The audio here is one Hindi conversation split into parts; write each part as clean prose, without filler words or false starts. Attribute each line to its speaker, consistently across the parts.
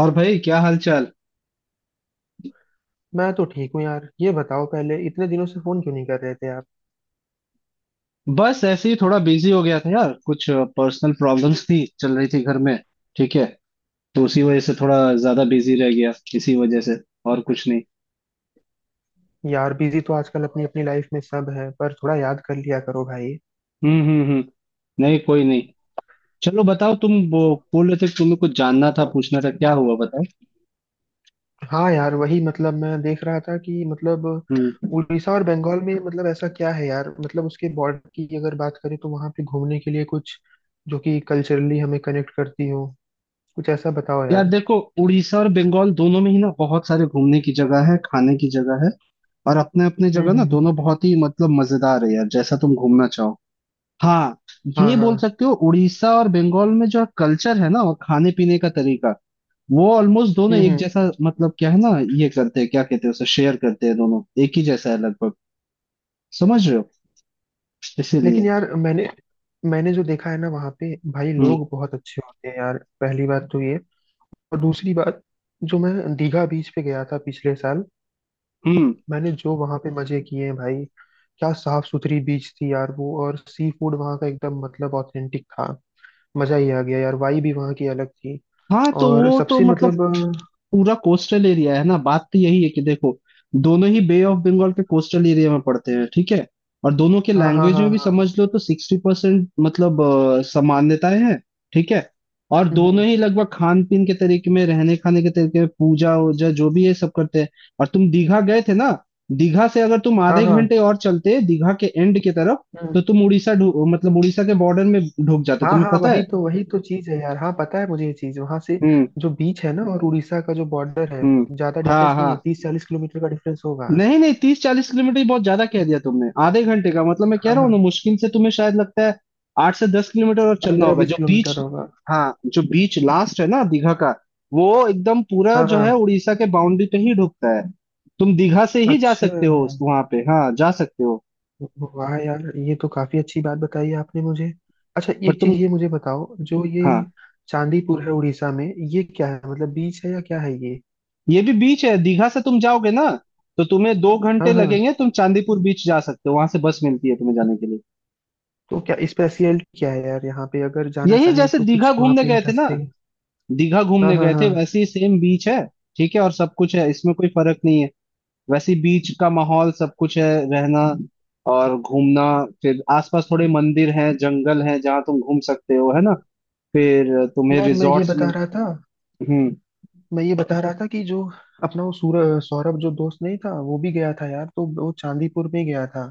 Speaker 1: और भाई क्या हाल चाल।
Speaker 2: मैं तो ठीक हूँ यार। ये बताओ, पहले इतने दिनों से फोन क्यों नहीं कर रहे थे आप?
Speaker 1: बस ऐसे ही थोड़ा बिजी हो गया था यार, कुछ पर्सनल प्रॉब्लम्स थी, चल रही थी घर में। ठीक है। तो उसी वजह से थोड़ा ज्यादा बिजी रह गया इसी वजह से, और कुछ नहीं।
Speaker 2: यार बिजी तो आजकल अपनी अपनी लाइफ में सब है, पर थोड़ा याद कर लिया करो भाई।
Speaker 1: हम्म। नहीं, कोई नहीं। चलो बताओ, तुम वो बोल रहे थे कि तुम्हें कुछ जानना था, पूछना था, क्या हुआ बताओ।
Speaker 2: हाँ यार, वही मतलब, मैं देख रहा था कि मतलब
Speaker 1: हम्म।
Speaker 2: उड़ीसा और बंगाल में मतलब ऐसा क्या है यार? मतलब उसके बॉर्डर की अगर बात करें तो वहाँ पे घूमने के लिए कुछ जो कि कल्चरली हमें कनेक्ट करती हो, कुछ ऐसा बताओ
Speaker 1: यार
Speaker 2: यार।
Speaker 1: देखो, उड़ीसा और बंगाल दोनों में ही ना बहुत सारे घूमने की जगह है, खाने की जगह है। और अपने अपने
Speaker 2: हम्म
Speaker 1: जगह ना
Speaker 2: हम्म
Speaker 1: दोनों
Speaker 2: हम्म।
Speaker 1: बहुत ही मतलब मजेदार है यार, जैसा तुम घूमना चाहो। हाँ।
Speaker 2: हाँ
Speaker 1: ये
Speaker 2: हाँ।
Speaker 1: बोल सकते हो, उड़ीसा और बंगाल में जो कल्चर है ना और खाने पीने का तरीका वो ऑलमोस्ट दोनों एक
Speaker 2: हम्म।
Speaker 1: जैसा मतलब क्या है ना। ये करते हैं, क्या कहते हैं उसे, शेयर करते हैं, दोनों एक ही जैसा है लगभग। समझ रहे हो। इसीलिए।
Speaker 2: लेकिन यार, मैंने मैंने जो देखा है ना वहाँ पे, भाई
Speaker 1: हम्म
Speaker 2: लोग बहुत अच्छे होते हैं यार, पहली बात तो ये। और दूसरी बात, जो मैं दीघा बीच पे गया था पिछले साल,
Speaker 1: हम्म।
Speaker 2: मैंने जो वहां पे मजे किए हैं भाई! क्या साफ सुथरी बीच थी यार वो, और सी फूड वहां का एकदम मतलब ऑथेंटिक था। मजा ही आ गया यार, वाई भी वहां की अलग थी।
Speaker 1: हाँ तो
Speaker 2: और
Speaker 1: वो तो
Speaker 2: सबसे
Speaker 1: मतलब
Speaker 2: मतलब
Speaker 1: पूरा कोस्टल एरिया है ना, बात तो यही है कि देखो, दोनों ही बे ऑफ बंगाल के कोस्टल एरिया में पड़ते हैं। ठीक है। और दोनों के
Speaker 2: हाँ हाँ
Speaker 1: लैंग्वेज
Speaker 2: हाँ
Speaker 1: में भी
Speaker 2: हाँ।
Speaker 1: समझ लो तो 60% समानताएं हैं। ठीक है। और
Speaker 2: हम्म, हम्म,
Speaker 1: दोनों ही लगभग खान पीन के तरीके में, रहने खाने के तरीके में, पूजा वूजा जो भी है सब करते हैं। और तुम दीघा गए थे ना। दीघा से अगर तुम
Speaker 2: हाँ
Speaker 1: आधे
Speaker 2: हाँ
Speaker 1: घंटे और चलते दीघा के एंड की तरफ
Speaker 2: हम्म,
Speaker 1: तो तुम उड़ीसा मतलब उड़ीसा के बॉर्डर में ढुक जाते,
Speaker 2: हाँ
Speaker 1: तुम्हें
Speaker 2: हाँ।
Speaker 1: पता
Speaker 2: वही
Speaker 1: है।
Speaker 2: तो वही तो चीज है यार। हाँ पता है मुझे ये चीज। वहां से
Speaker 1: हम्म
Speaker 2: जो बीच है ना और उड़ीसा का जो बॉर्डर है,
Speaker 1: हम्म।
Speaker 2: ज्यादा
Speaker 1: हाँ
Speaker 2: डिफरेंस नहीं
Speaker 1: हाँ।
Speaker 2: है। 30-40 किलोमीटर का डिफरेंस होगा।
Speaker 1: नहीं नहीं, 30-40 किलोमीटर ही बहुत ज्यादा कह दिया तुमने। आधे घंटे का मतलब मैं कह
Speaker 2: हाँ
Speaker 1: रहा हूँ ना,
Speaker 2: हाँ।
Speaker 1: मुश्किल से तुम्हें शायद लगता है 8 से 10 किलोमीटर और चलना
Speaker 2: पंद्रह
Speaker 1: होगा
Speaker 2: बीस
Speaker 1: जो बीच।
Speaker 2: किलोमीटर होगा।
Speaker 1: हाँ। जो बीच लास्ट है ना दीघा का वो एकदम पूरा
Speaker 2: हाँ
Speaker 1: जो है
Speaker 2: हाँ।
Speaker 1: उड़ीसा के बाउंड्री पे ही ढुकता है। तुम दीघा से ही जा
Speaker 2: अच्छा,
Speaker 1: सकते हो उस वहां पे, हाँ जा सकते हो।
Speaker 2: वाह यार ये तो काफी अच्छी बात बताई आपने मुझे। अच्छा,
Speaker 1: पर
Speaker 2: एक
Speaker 1: तुम।
Speaker 2: चीज ये मुझे बताओ, जो ये
Speaker 1: हाँ।
Speaker 2: चांदीपुर है उड़ीसा में, ये क्या है? मतलब बीच है या क्या है ये?
Speaker 1: ये भी बीच है, दीघा से तुम जाओगे ना तो तुम्हें 2 घंटे
Speaker 2: हाँ हाँ।
Speaker 1: लगेंगे, तुम चांदीपुर बीच जा सकते हो, वहां से बस मिलती है तुम्हें जाने के लिए।
Speaker 2: तो क्या स्पेशलिटी, क्या है यार यहाँ पे, अगर जाना
Speaker 1: यही,
Speaker 2: चाहें
Speaker 1: जैसे
Speaker 2: तो
Speaker 1: दीघा
Speaker 2: कुछ वहाँ
Speaker 1: घूमने
Speaker 2: पे
Speaker 1: गए थे ना,
Speaker 2: इंटरेस्टिंग?
Speaker 1: दीघा
Speaker 2: हाँ
Speaker 1: घूमने
Speaker 2: हाँ
Speaker 1: गए थे
Speaker 2: हाँ।
Speaker 1: वैसे ही सेम बीच है। ठीक है और सब कुछ है, इसमें कोई फर्क नहीं है। वैसे ही बीच का माहौल सब कुछ है, रहना और घूमना। फिर आसपास थोड़े मंदिर हैं, जंगल हैं जहाँ तुम घूम सकते हो, है ना। फिर तुम्हें
Speaker 2: यार, मैं ये
Speaker 1: रिजॉर्ट्स में।
Speaker 2: बता रहा था
Speaker 1: हम्म
Speaker 2: मैं ये बता रहा था कि जो अपना वो सूर सौरभ जो दोस्त नहीं था, वो भी गया था यार। तो वो चांदीपुर में गया था।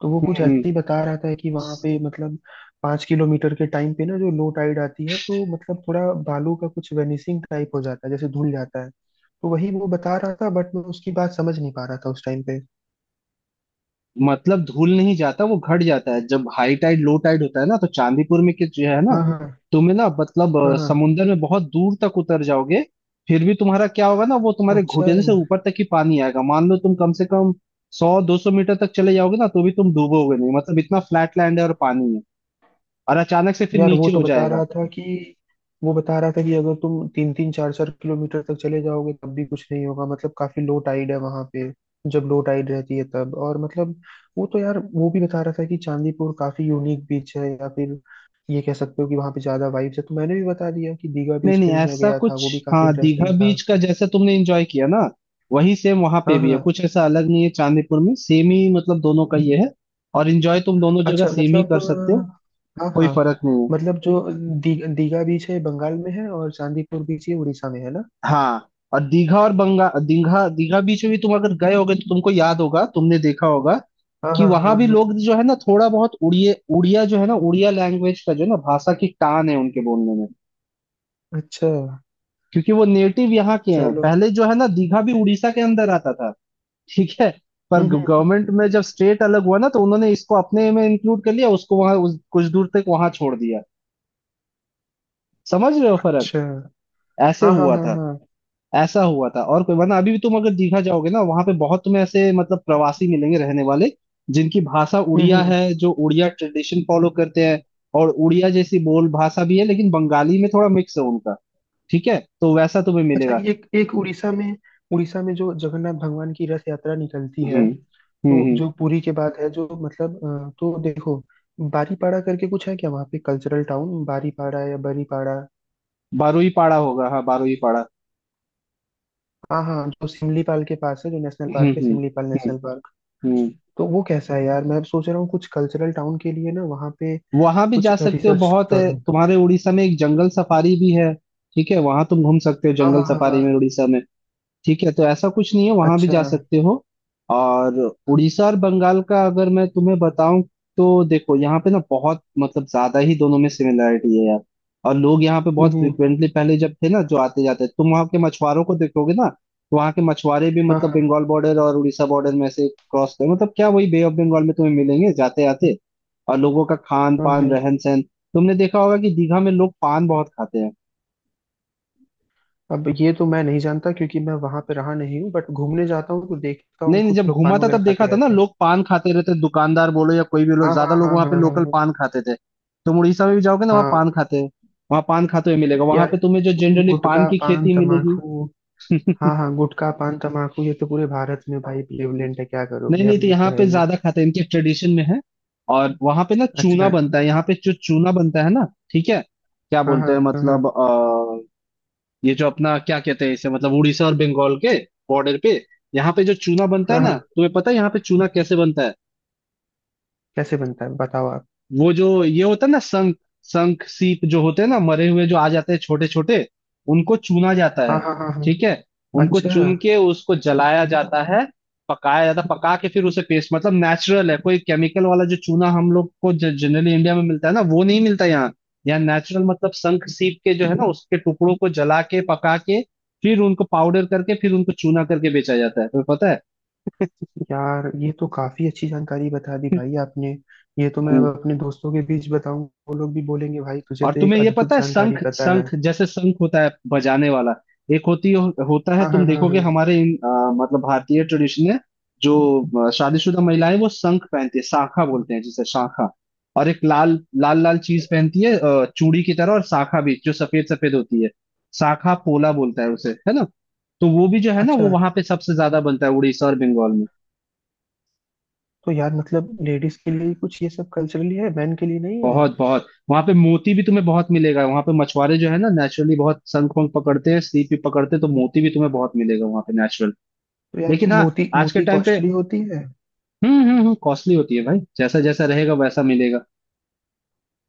Speaker 2: तो वो कुछ
Speaker 1: हम्म हम्म।
Speaker 2: ऐसे ही बता रहा था कि वहां पे मतलब 5 किलोमीटर के टाइम पे ना जो लो टाइड आती है, तो मतलब थोड़ा बालू का कुछ वेनिसिंग टाइप हो जाता है, जैसे धुल जाता है। तो वही वो बता रहा था, बट मैं उसकी बात समझ नहीं पा रहा था उस टाइम पे।
Speaker 1: मतलब धूल नहीं जाता, वो घट जाता है। जब हाई टाइड लो टाइड होता है ना तो चांदीपुर में के जो है ना,
Speaker 2: हाँ हाँ
Speaker 1: तुम्हें ना
Speaker 2: हाँ हाँ।
Speaker 1: समुंदर में बहुत दूर तक उतर जाओगे। फिर भी तुम्हारा क्या होगा ना, वो तुम्हारे
Speaker 2: अच्छा।
Speaker 1: घुटने से ऊपर तक ही पानी आएगा। मान लो तुम कम से कम 100-200 मीटर तक चले जाओगे ना तो भी तुम डूबोगे नहीं, मतलब इतना फ्लैट लैंड है और पानी है, और अचानक से फिर
Speaker 2: यार,
Speaker 1: नीचे हो जाएगा।
Speaker 2: वो बता रहा था कि अगर तुम तीन तीन चार चार किलोमीटर तक चले जाओगे तब भी कुछ नहीं होगा। मतलब काफी लो टाइड है वहां पे, जब लो टाइड रहती है तब। और मतलब वो तो, यार वो भी बता रहा था कि चांदीपुर काफी यूनिक बीच है, या फिर ये कह सकते हो कि वहां पे ज्यादा वाइब्स है। तो मैंने भी बता दिया कि दीघा
Speaker 1: नहीं
Speaker 2: बीच पे
Speaker 1: नहीं
Speaker 2: भी मैं
Speaker 1: ऐसा
Speaker 2: गया था,
Speaker 1: कुछ।
Speaker 2: वो भी काफी
Speaker 1: हाँ, दीघा
Speaker 2: इंटरेस्टिंग था।
Speaker 1: बीच का जैसा तुमने एंजॉय किया ना वही सेम वहां
Speaker 2: हाँ
Speaker 1: पे भी है,
Speaker 2: हाँ।
Speaker 1: कुछ ऐसा अलग नहीं है चांदीपुर में, सेम ही मतलब दोनों का ये है। और एंजॉय तुम दोनों जगह
Speaker 2: अच्छा
Speaker 1: सेम ही
Speaker 2: मतलब
Speaker 1: कर सकते हो,
Speaker 2: हाँ
Speaker 1: कोई
Speaker 2: हाँ।
Speaker 1: फर्क नहीं है।
Speaker 2: मतलब जो दीघा बीच है बंगाल में है, और चांदीपुर बीच ये उड़ीसा में है ना।
Speaker 1: हाँ। और दीघा और बंगा दीघा दीघा बीच में भी तुम अगर गए होगे तो तुमको याद होगा, तुमने देखा होगा
Speaker 2: हाँ
Speaker 1: कि
Speaker 2: हाँ हाँ
Speaker 1: वहां भी
Speaker 2: हाँ।
Speaker 1: लोग जो है ना थोड़ा बहुत उड़िया उड़िया जो है ना, उड़िया लैंग्वेज का जो है ना भाषा की टान है उनके बोलने में।
Speaker 2: अच्छा।
Speaker 1: क्योंकि वो नेटिव यहाँ के हैं
Speaker 2: चलो।
Speaker 1: पहले, जो है ना, दीघा भी उड़ीसा के अंदर आता था। ठीक है। पर
Speaker 2: हम्म।
Speaker 1: गवर्नमेंट में जब स्टेट अलग हुआ ना तो उन्होंने इसको अपने में इंक्लूड कर लिया, उसको वहां कुछ दूर तक वहां छोड़ दिया। समझ रहे हो फर्क,
Speaker 2: अच्छा।
Speaker 1: ऐसे
Speaker 2: हाँ हाँ
Speaker 1: हुआ
Speaker 2: हाँ
Speaker 1: था।
Speaker 2: हाँ।
Speaker 1: ऐसा हुआ था, और कोई वरना अभी भी तुम अगर दीघा जाओगे ना वहां पे बहुत तुम्हें ऐसे मतलब प्रवासी मिलेंगे रहने वाले, जिनकी भाषा
Speaker 2: हम्म
Speaker 1: उड़िया
Speaker 2: हम्म।
Speaker 1: है, जो उड़िया ट्रेडिशन फॉलो करते हैं। और उड़िया जैसी बोल भाषा भी है, लेकिन बंगाली में थोड़ा मिक्स है उनका। ठीक है, तो वैसा तुम्हें
Speaker 2: अच्छा,
Speaker 1: मिलेगा।
Speaker 2: एक एक उड़ीसा में जो जगन्नाथ भगवान की रथ यात्रा निकलती
Speaker 1: हम्म
Speaker 2: है। तो
Speaker 1: हम्म।
Speaker 2: जो पुरी के बाद है, जो मतलब तो देखो, बारीपाड़ा करके कुछ है क्या वहाँ पे कल्चरल टाउन, बारीपाड़ा या बरीपाड़ा?
Speaker 1: बारुई पाड़ा होगा, हाँ बारुई पाड़ा।
Speaker 2: हाँ हाँ, जो सिमलीपाल के पास है, जो नेशनल
Speaker 1: हम्म
Speaker 2: पार्क है,
Speaker 1: हम्म
Speaker 2: सिमलीपाल
Speaker 1: हम्म
Speaker 2: नेशनल पार्क।
Speaker 1: हम्म।
Speaker 2: तो वो कैसा है यार? मैं सोच रहा हूँ कुछ कल्चरल टाउन के लिए ना, वहाँ पे
Speaker 1: वहां भी
Speaker 2: कुछ
Speaker 1: जा सकते हो,
Speaker 2: रिसर्च
Speaker 1: बहुत है
Speaker 2: करूँ।
Speaker 1: तुम्हारे उड़ीसा में, एक जंगल सफारी भी है। ठीक है, वहां तुम घूम सकते हो
Speaker 2: हाँ
Speaker 1: जंगल
Speaker 2: हाँ हाँ
Speaker 1: सफारी में
Speaker 2: हाँ।
Speaker 1: उड़ीसा में। ठीक है, तो ऐसा कुछ नहीं है, वहां भी
Speaker 2: अच्छा।
Speaker 1: जा सकते हो। और उड़ीसा और बंगाल का अगर मैं तुम्हें बताऊं तो देखो, यहाँ पे ना बहुत मतलब ज्यादा ही दोनों में सिमिलरिटी है यार। और लोग यहाँ पे बहुत
Speaker 2: हम्म।
Speaker 1: फ्रिक्वेंटली पहले जब थे ना, जो आते जाते, तुम वहाँ के मछुआरों को देखोगे ना तो वहाँ के मछुआरे भी
Speaker 2: हाँ
Speaker 1: मतलब
Speaker 2: हाँ
Speaker 1: बंगाल बॉर्डर और उड़ीसा बॉर्डर में से क्रॉस कर, मतलब क्या वही बे ऑफ बंगाल में तुम्हें मिलेंगे जाते आते। और लोगों का खान
Speaker 2: हाँ
Speaker 1: पान
Speaker 2: हाँ।
Speaker 1: रहन सहन तुमने देखा होगा कि दीघा में लोग पान बहुत खाते हैं।
Speaker 2: अब ये तो मैं नहीं जानता, क्योंकि मैं वहां पे रहा नहीं हूँ, बट घूमने जाता हूँ तो देखता
Speaker 1: नहीं
Speaker 2: हूँ
Speaker 1: नहीं,
Speaker 2: कुछ
Speaker 1: जब
Speaker 2: लोग
Speaker 1: घूमा
Speaker 2: पान
Speaker 1: था
Speaker 2: वगैरह
Speaker 1: तब देखा
Speaker 2: खाते
Speaker 1: था ना,
Speaker 2: रहते हैं।
Speaker 1: लोग पान खाते रहते, दुकानदार बोलो या कोई भी
Speaker 2: हाँ
Speaker 1: लोग, ज्यादा
Speaker 2: हाँ
Speaker 1: लोग
Speaker 2: हाँ
Speaker 1: वहां
Speaker 2: हाँ
Speaker 1: पे
Speaker 2: हाँ
Speaker 1: लोकल
Speaker 2: हाँ
Speaker 1: पान खाते थे। तुम उड़ीसा में भी जाओगे ना, वहाँ
Speaker 2: हाँ।
Speaker 1: पान खाते हैं। वहाँ पान खाते हुए मिलेगा, वहां
Speaker 2: यार,
Speaker 1: पे तुम्हें जो जनरली पान
Speaker 2: गुटखा
Speaker 1: की
Speaker 2: पान
Speaker 1: खेती मिलेगी।
Speaker 2: तमाकू! हाँ हाँ, गुटखा पान तमाकू ये तो पूरे भारत में भाई प्रेवलेंट है, क्या
Speaker 1: नहीं
Speaker 2: करोगे,
Speaker 1: नहीं,
Speaker 2: अब
Speaker 1: तो
Speaker 2: ये तो
Speaker 1: यहाँ
Speaker 2: है
Speaker 1: पे
Speaker 2: ही।
Speaker 1: ज्यादा खाते हैं, इनके ट्रेडिशन में है। और वहां पे ना चूना
Speaker 2: अच्छा।
Speaker 1: बनता है, यहाँ पे जो चूना बनता है ना। ठीक है। क्या
Speaker 2: हाँ
Speaker 1: बोलते
Speaker 2: हाँ
Speaker 1: हैं
Speaker 2: हाँ हाँ
Speaker 1: मतलब अ, ये जो अपना क्या कहते हैं इसे, मतलब उड़ीसा और बंगाल के बॉर्डर पे, यहाँ पे जो चूना बनता है
Speaker 2: हाँ
Speaker 1: ना,
Speaker 2: हाँ।
Speaker 1: तुम्हें पता है यहाँ पे चूना कैसे बनता है।
Speaker 2: कैसे बनता है बताओ आप?
Speaker 1: वो जो ये होता है ना, संख संख सीप जो होते हैं ना मरे हुए, जो आ जाते हैं छोटे छोटे, उनको चुना जाता
Speaker 2: हाँ
Speaker 1: है।
Speaker 2: हाँ हाँ हाँ।
Speaker 1: ठीक है। उनको
Speaker 2: अच्छा
Speaker 1: चुन के उसको जलाया जाता है, पकाया जाता है, पका के फिर उसे पेस्ट, मतलब नेचुरल है, कोई केमिकल वाला जो चूना हम लोग को जनरली इंडिया में मिलता है ना वो नहीं मिलता यहाँ। यहाँ नेचुरल मतलब शंख सीप के जो है ना उसके टुकड़ों को जला के, पका के, फिर उनको पाउडर करके, फिर उनको चूना करके बेचा जाता है, तुम्हें पता
Speaker 2: यार, ये तो काफी अच्छी जानकारी बता दी भाई आपने। ये तो मैं
Speaker 1: है।
Speaker 2: अब अपने दोस्तों के बीच बताऊं, वो लोग भी बोलेंगे, भाई तुझे
Speaker 1: और
Speaker 2: तो एक
Speaker 1: तुम्हें ये
Speaker 2: अद्भुत
Speaker 1: पता है
Speaker 2: जानकारी
Speaker 1: शंख,
Speaker 2: पता है।
Speaker 1: शंख जैसे शंख होता है बजाने वाला, एक होता है,
Speaker 2: हाँ हाँ
Speaker 1: तुम
Speaker 2: हाँ
Speaker 1: देखोगे
Speaker 2: हाँ।
Speaker 1: हमारे मतलब भारतीय ट्रेडिशन में जो शादीशुदा महिलाएं वो शंख पहनती है, शाखा बोलते हैं जिसे, शाखा। और एक लाल लाल लाल चीज पहनती है चूड़ी की तरह, और शाखा भी जो सफेद सफेद होती है, शाखा पोला बोलता है उसे, है ना। तो वो भी जो है ना वो
Speaker 2: अच्छा,
Speaker 1: वहां पे सबसे ज्यादा बनता है उड़ीसा और बंगाल में।
Speaker 2: तो यार मतलब लेडीज के लिए कुछ ये सब कल्चरली है, मेन के लिए नहीं है?
Speaker 1: बहुत बहुत वहां पे मोती भी तुम्हें बहुत मिलेगा, वहां पे मछुआरे जो है ना नेचुरली बहुत शंख पंख पकड़ते हैं, सीप भी पकड़ते हैं, तो मोती भी तुम्हें बहुत मिलेगा वहां पे नेचुरल।
Speaker 2: तो यार,
Speaker 1: लेकिन हाँ,
Speaker 2: मोती
Speaker 1: आज के
Speaker 2: मोती
Speaker 1: टाइम पे
Speaker 2: कॉस्टली होती है।
Speaker 1: कॉस्टली होती है भाई, जैसा जैसा रहेगा वैसा मिलेगा।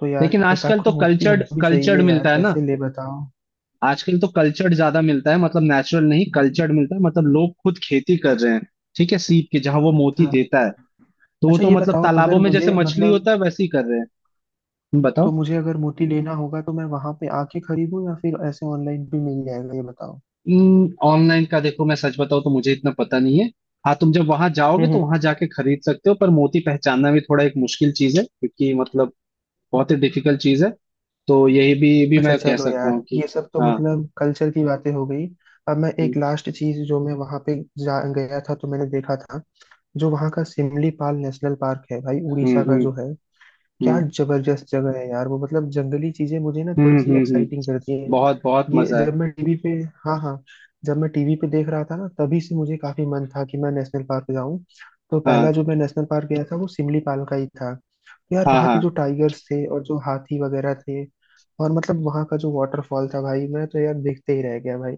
Speaker 2: तो यार,
Speaker 1: लेकिन
Speaker 2: एक
Speaker 1: आजकल तो
Speaker 2: आखो मोती
Speaker 1: कल्चर्ड,
Speaker 2: हमको भी
Speaker 1: कल्चर्ड
Speaker 2: चाहिए यार,
Speaker 1: मिलता है ना।
Speaker 2: कैसे ले बताओ।
Speaker 1: आजकल तो कल्चर्ड ज्यादा मिलता है, मतलब नेचुरल नहीं, कल्चर्ड मिलता है, मतलब लोग खुद खेती कर रहे हैं, ठीक है, सीप की जहाँ वो मोती
Speaker 2: अच्छा
Speaker 1: देता है। तो वो
Speaker 2: अच्छा,
Speaker 1: तो
Speaker 2: ये
Speaker 1: मतलब
Speaker 2: बताओ,
Speaker 1: तालाबों
Speaker 2: अगर
Speaker 1: में जैसे
Speaker 2: मुझे
Speaker 1: मछली
Speaker 2: मतलब,
Speaker 1: होता है वैसे ही कर रहे हैं।
Speaker 2: तो
Speaker 1: बताओ।
Speaker 2: मुझे अगर मोती लेना होगा तो मैं वहां पे आके खरीदूं, या फिर ऐसे ऑनलाइन भी मिल जाएगा, ये बताओ।
Speaker 1: ऑनलाइन का देखो, मैं सच बताऊं तो मुझे इतना पता नहीं है। हाँ, तुम जब वहां जाओगे
Speaker 2: हम्म
Speaker 1: तो
Speaker 2: हम्म।
Speaker 1: वहां जाके खरीद सकते हो, पर मोती पहचानना भी थोड़ा एक मुश्किल चीज है, क्योंकि मतलब बहुत ही डिफिकल्ट चीज है। तो यही भी
Speaker 2: अच्छा
Speaker 1: मैं कह
Speaker 2: चलो
Speaker 1: सकता हूँ
Speaker 2: यार,
Speaker 1: कि
Speaker 2: ये सब तो
Speaker 1: हाँ।
Speaker 2: मतलब कल्चर की बातें हो गई। अब मैं
Speaker 1: हम्म
Speaker 2: एक लास्ट चीज, जो मैं वहां पे जा गया था तो मैंने देखा था, जो वहाँ का सिमलीपाल नेशनल पार्क है भाई,
Speaker 1: हम्म
Speaker 2: उड़ीसा का
Speaker 1: हम्म
Speaker 2: जो है। क्या
Speaker 1: हम्म
Speaker 2: जबरदस्त जगह है यार वो! मतलब जंगली चीजें मुझे ना थोड़ी सी
Speaker 1: हम्म।
Speaker 2: एक्साइटिंग करती है।
Speaker 1: बहुत बहुत
Speaker 2: ये
Speaker 1: मजा है।
Speaker 2: जब मैं टीवी पे हाँ हाँ। जब मैं टीवी पे देख रहा था ना, तभी से मुझे काफी मन था कि मैं नेशनल पार्क जाऊं। तो
Speaker 1: हाँ
Speaker 2: पहला जो मैं नेशनल पार्क गया था वो सिमलीपाल का ही था। तो यार,
Speaker 1: हाँ
Speaker 2: वहाँ
Speaker 1: हाँ
Speaker 2: पे जो टाइगर्स थे और जो हाथी वगैरह थे, और मतलब वहाँ का जो वाटरफॉल था भाई, मैं तो यार देखते ही रह गया भाई।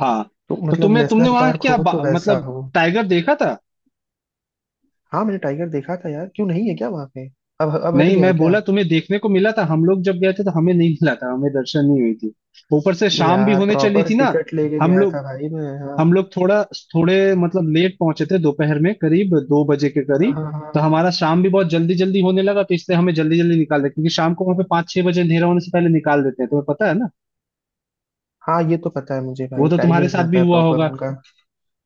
Speaker 1: हाँ।
Speaker 2: तो
Speaker 1: तो
Speaker 2: मतलब
Speaker 1: तुम्हें तुमने
Speaker 2: नेशनल
Speaker 1: वहां
Speaker 2: पार्क हो तो वैसा
Speaker 1: मतलब
Speaker 2: हो।
Speaker 1: टाइगर देखा था।
Speaker 2: हाँ, मैंने टाइगर देखा था यार। क्यों नहीं है क्या वहां पे? अब हट
Speaker 1: नहीं
Speaker 2: गया है
Speaker 1: मैं
Speaker 2: क्या?
Speaker 1: बोला तुम्हें देखने को मिला था, हम लोग जब गए थे तो हमें नहीं मिला था, हमें दर्शन नहीं हुई थी। ऊपर से शाम भी
Speaker 2: यार
Speaker 1: होने चली
Speaker 2: प्रॉपर
Speaker 1: थी ना।
Speaker 2: टिकट लेके
Speaker 1: हम
Speaker 2: गया
Speaker 1: लोग
Speaker 2: था भाई मैं, हाँ।
Speaker 1: हम लोग थोड़ा थोड़े मतलब लेट पहुंचे थे, दोपहर में करीब 2 बजे के
Speaker 2: हाँ
Speaker 1: करीब।
Speaker 2: हाँ
Speaker 1: तो
Speaker 2: हाँ
Speaker 1: हमारा शाम भी बहुत जल्दी जल्दी होने लगा, तो इसलिए हमें जल्दी जल्दी निकाल दिया, क्योंकि शाम को वहां पे 5-6 बजे अंधेरा होने से पहले निकाल देते हैं, तुम्हें पता है ना।
Speaker 2: हाँ। ये तो पता है मुझे
Speaker 1: वो
Speaker 2: भाई,
Speaker 1: तो तुम्हारे
Speaker 2: टाइमिंग
Speaker 1: साथ
Speaker 2: होता
Speaker 1: भी
Speaker 2: है
Speaker 1: हुआ
Speaker 2: प्रॉपर
Speaker 1: होगा।
Speaker 2: उनका।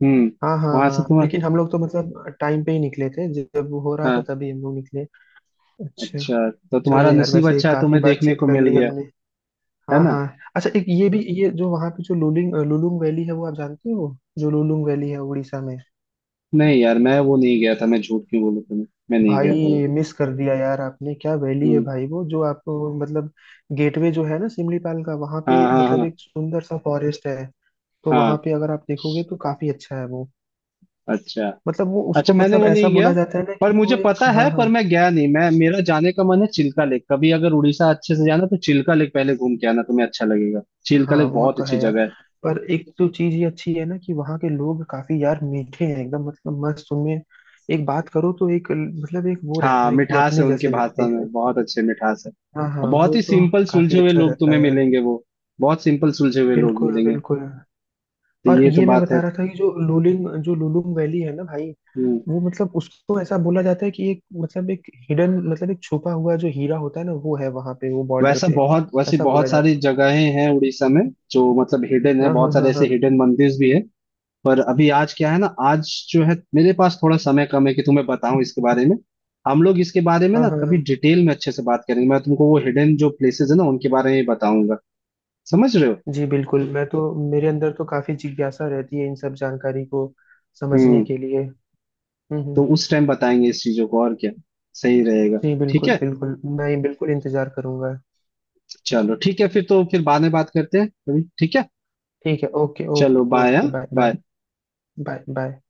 Speaker 1: हम्म।
Speaker 2: हाँ हाँ
Speaker 1: वहां से
Speaker 2: हाँ,
Speaker 1: तुम।
Speaker 2: लेकिन हम लोग तो मतलब टाइम पे ही निकले थे, जब वो हो रहा था
Speaker 1: हाँ।
Speaker 2: तभी हम लोग निकले। अच्छा।
Speaker 1: अच्छा तो
Speaker 2: चलो
Speaker 1: तुम्हारा
Speaker 2: यार,
Speaker 1: नसीब
Speaker 2: वैसे
Speaker 1: अच्छा है,
Speaker 2: काफी
Speaker 1: तुम्हें देखने
Speaker 2: बातचीत
Speaker 1: को
Speaker 2: कर
Speaker 1: मिल
Speaker 2: ली
Speaker 1: गया।
Speaker 2: हमने।
Speaker 1: है
Speaker 2: हाँ
Speaker 1: ना।
Speaker 2: हाँ। अच्छा, एक ये भी, ये जो वहाँ पे जो लुलिंग लुलुंग वैली है, वो आप जानते हो? जो लुलुंग वैली है उड़ीसा में।
Speaker 1: नहीं यार, मैं वो नहीं गया था, मैं झूठ क्यों बोलूं तुम्हें। मैं नहीं गया था वो।
Speaker 2: भाई, मिस कर दिया यार आपने! क्या वैली है
Speaker 1: हम्म।
Speaker 2: भाई वो, जो आप मतलब गेटवे जो है ना सिमलीपाल का, वहां पे
Speaker 1: हाँ हाँ
Speaker 2: मतलब
Speaker 1: हाँ
Speaker 2: एक सुंदर सा फॉरेस्ट है। तो वहां
Speaker 1: हाँ।
Speaker 2: पे अगर आप देखोगे तो काफी अच्छा है वो।
Speaker 1: अच्छा।
Speaker 2: मतलब वो
Speaker 1: अच्छा
Speaker 2: उसको
Speaker 1: मैंने
Speaker 2: मतलब
Speaker 1: वो
Speaker 2: ऐसा
Speaker 1: नहीं गया,
Speaker 2: बोला जाता है ना
Speaker 1: पर
Speaker 2: कि
Speaker 1: मुझे
Speaker 2: वो एक,
Speaker 1: पता
Speaker 2: हाँ
Speaker 1: है, पर
Speaker 2: हाँ
Speaker 1: मैं गया नहीं। मैं, मेरा जाने का मन है चिल्का लेक, कभी अगर उड़ीसा अच्छे से जाना तो चिल्का लेक पहले घूम के आना, तुम्हें अच्छा लगेगा। चिल्का
Speaker 2: हाँ।
Speaker 1: लेक
Speaker 2: वो
Speaker 1: बहुत
Speaker 2: तो
Speaker 1: अच्छी
Speaker 2: है यार।
Speaker 1: जगह है।
Speaker 2: पर एक तो चीज ये अच्छी है ना, कि वहाँ के लोग काफी यार मीठे हैं, एकदम मतलब मस्त उनमें। एक बात करो तो एक मतलब एक वो रहता
Speaker 1: हाँ,
Speaker 2: है कि
Speaker 1: मिठास है
Speaker 2: अपने
Speaker 1: उनकी
Speaker 2: जैसे लगते
Speaker 1: भाषा
Speaker 2: हैं।
Speaker 1: में, बहुत अच्छे मिठास है।
Speaker 2: हाँ हाँ,
Speaker 1: और बहुत
Speaker 2: वो
Speaker 1: ही
Speaker 2: तो
Speaker 1: सिंपल
Speaker 2: काफी
Speaker 1: सुलझे हुए
Speaker 2: अच्छा
Speaker 1: लोग
Speaker 2: रहता
Speaker 1: तुम्हें
Speaker 2: है यार।
Speaker 1: मिलेंगे वो। बहुत सिंपल सुलझे हुए लोग
Speaker 2: बिल्कुल
Speaker 1: मिलेंगे।
Speaker 2: बिल्कुल।
Speaker 1: तो
Speaker 2: और
Speaker 1: ये तो
Speaker 2: ये मैं
Speaker 1: बात है।
Speaker 2: बता रहा था कि जो लुलिंग जो लुलुंग वैली है ना भाई,
Speaker 1: हम्म।
Speaker 2: वो मतलब उसको ऐसा बोला जाता है कि एक मतलब एक हिडन, मतलब एक छुपा हुआ जो हीरा होता है ना, वो है वहां पे, वो बॉर्डर
Speaker 1: वैसा
Speaker 2: पे।
Speaker 1: बहुत वैसे
Speaker 2: ऐसा बोला
Speaker 1: बहुत सारी
Speaker 2: जाता
Speaker 1: जगहें हैं उड़ीसा में, जो मतलब हिडन
Speaker 2: है।
Speaker 1: है,
Speaker 2: हाँ हाँ
Speaker 1: बहुत सारे
Speaker 2: हाँ
Speaker 1: ऐसे
Speaker 2: हाँ
Speaker 1: हिडन मंदिर भी है। पर अभी आज क्या है ना, आज जो है मेरे पास थोड़ा समय कम है कि तुम्हें बताऊं इसके बारे में। हम लोग इसके बारे में
Speaker 2: हाँ
Speaker 1: ना
Speaker 2: हाँ
Speaker 1: कभी
Speaker 2: हाँ।
Speaker 1: डिटेल में अच्छे से बात करेंगे, मैं तुमको वो हिडन जो प्लेसेस है ना उनके बारे में बताऊंगा। समझ रहे हो।
Speaker 2: जी बिल्कुल, मैं तो, मेरे अंदर तो काफी जिज्ञासा रहती है इन सब जानकारी को समझने
Speaker 1: हम्म।
Speaker 2: के लिए। हम्म
Speaker 1: तो
Speaker 2: हम्म।
Speaker 1: उस टाइम बताएंगे इस चीजों को, और क्या सही रहेगा।
Speaker 2: जी
Speaker 1: ठीक
Speaker 2: बिल्कुल
Speaker 1: है।
Speaker 2: बिल्कुल, मैं बिल्कुल इंतजार करूंगा।
Speaker 1: चलो ठीक है, फिर तो फिर बाद में बात करते हैं कभी, ठीक है।
Speaker 2: ठीक है। ओके ओके
Speaker 1: चलो bye.
Speaker 2: Okay. Bye
Speaker 1: bye.
Speaker 2: Bye. Bye bye.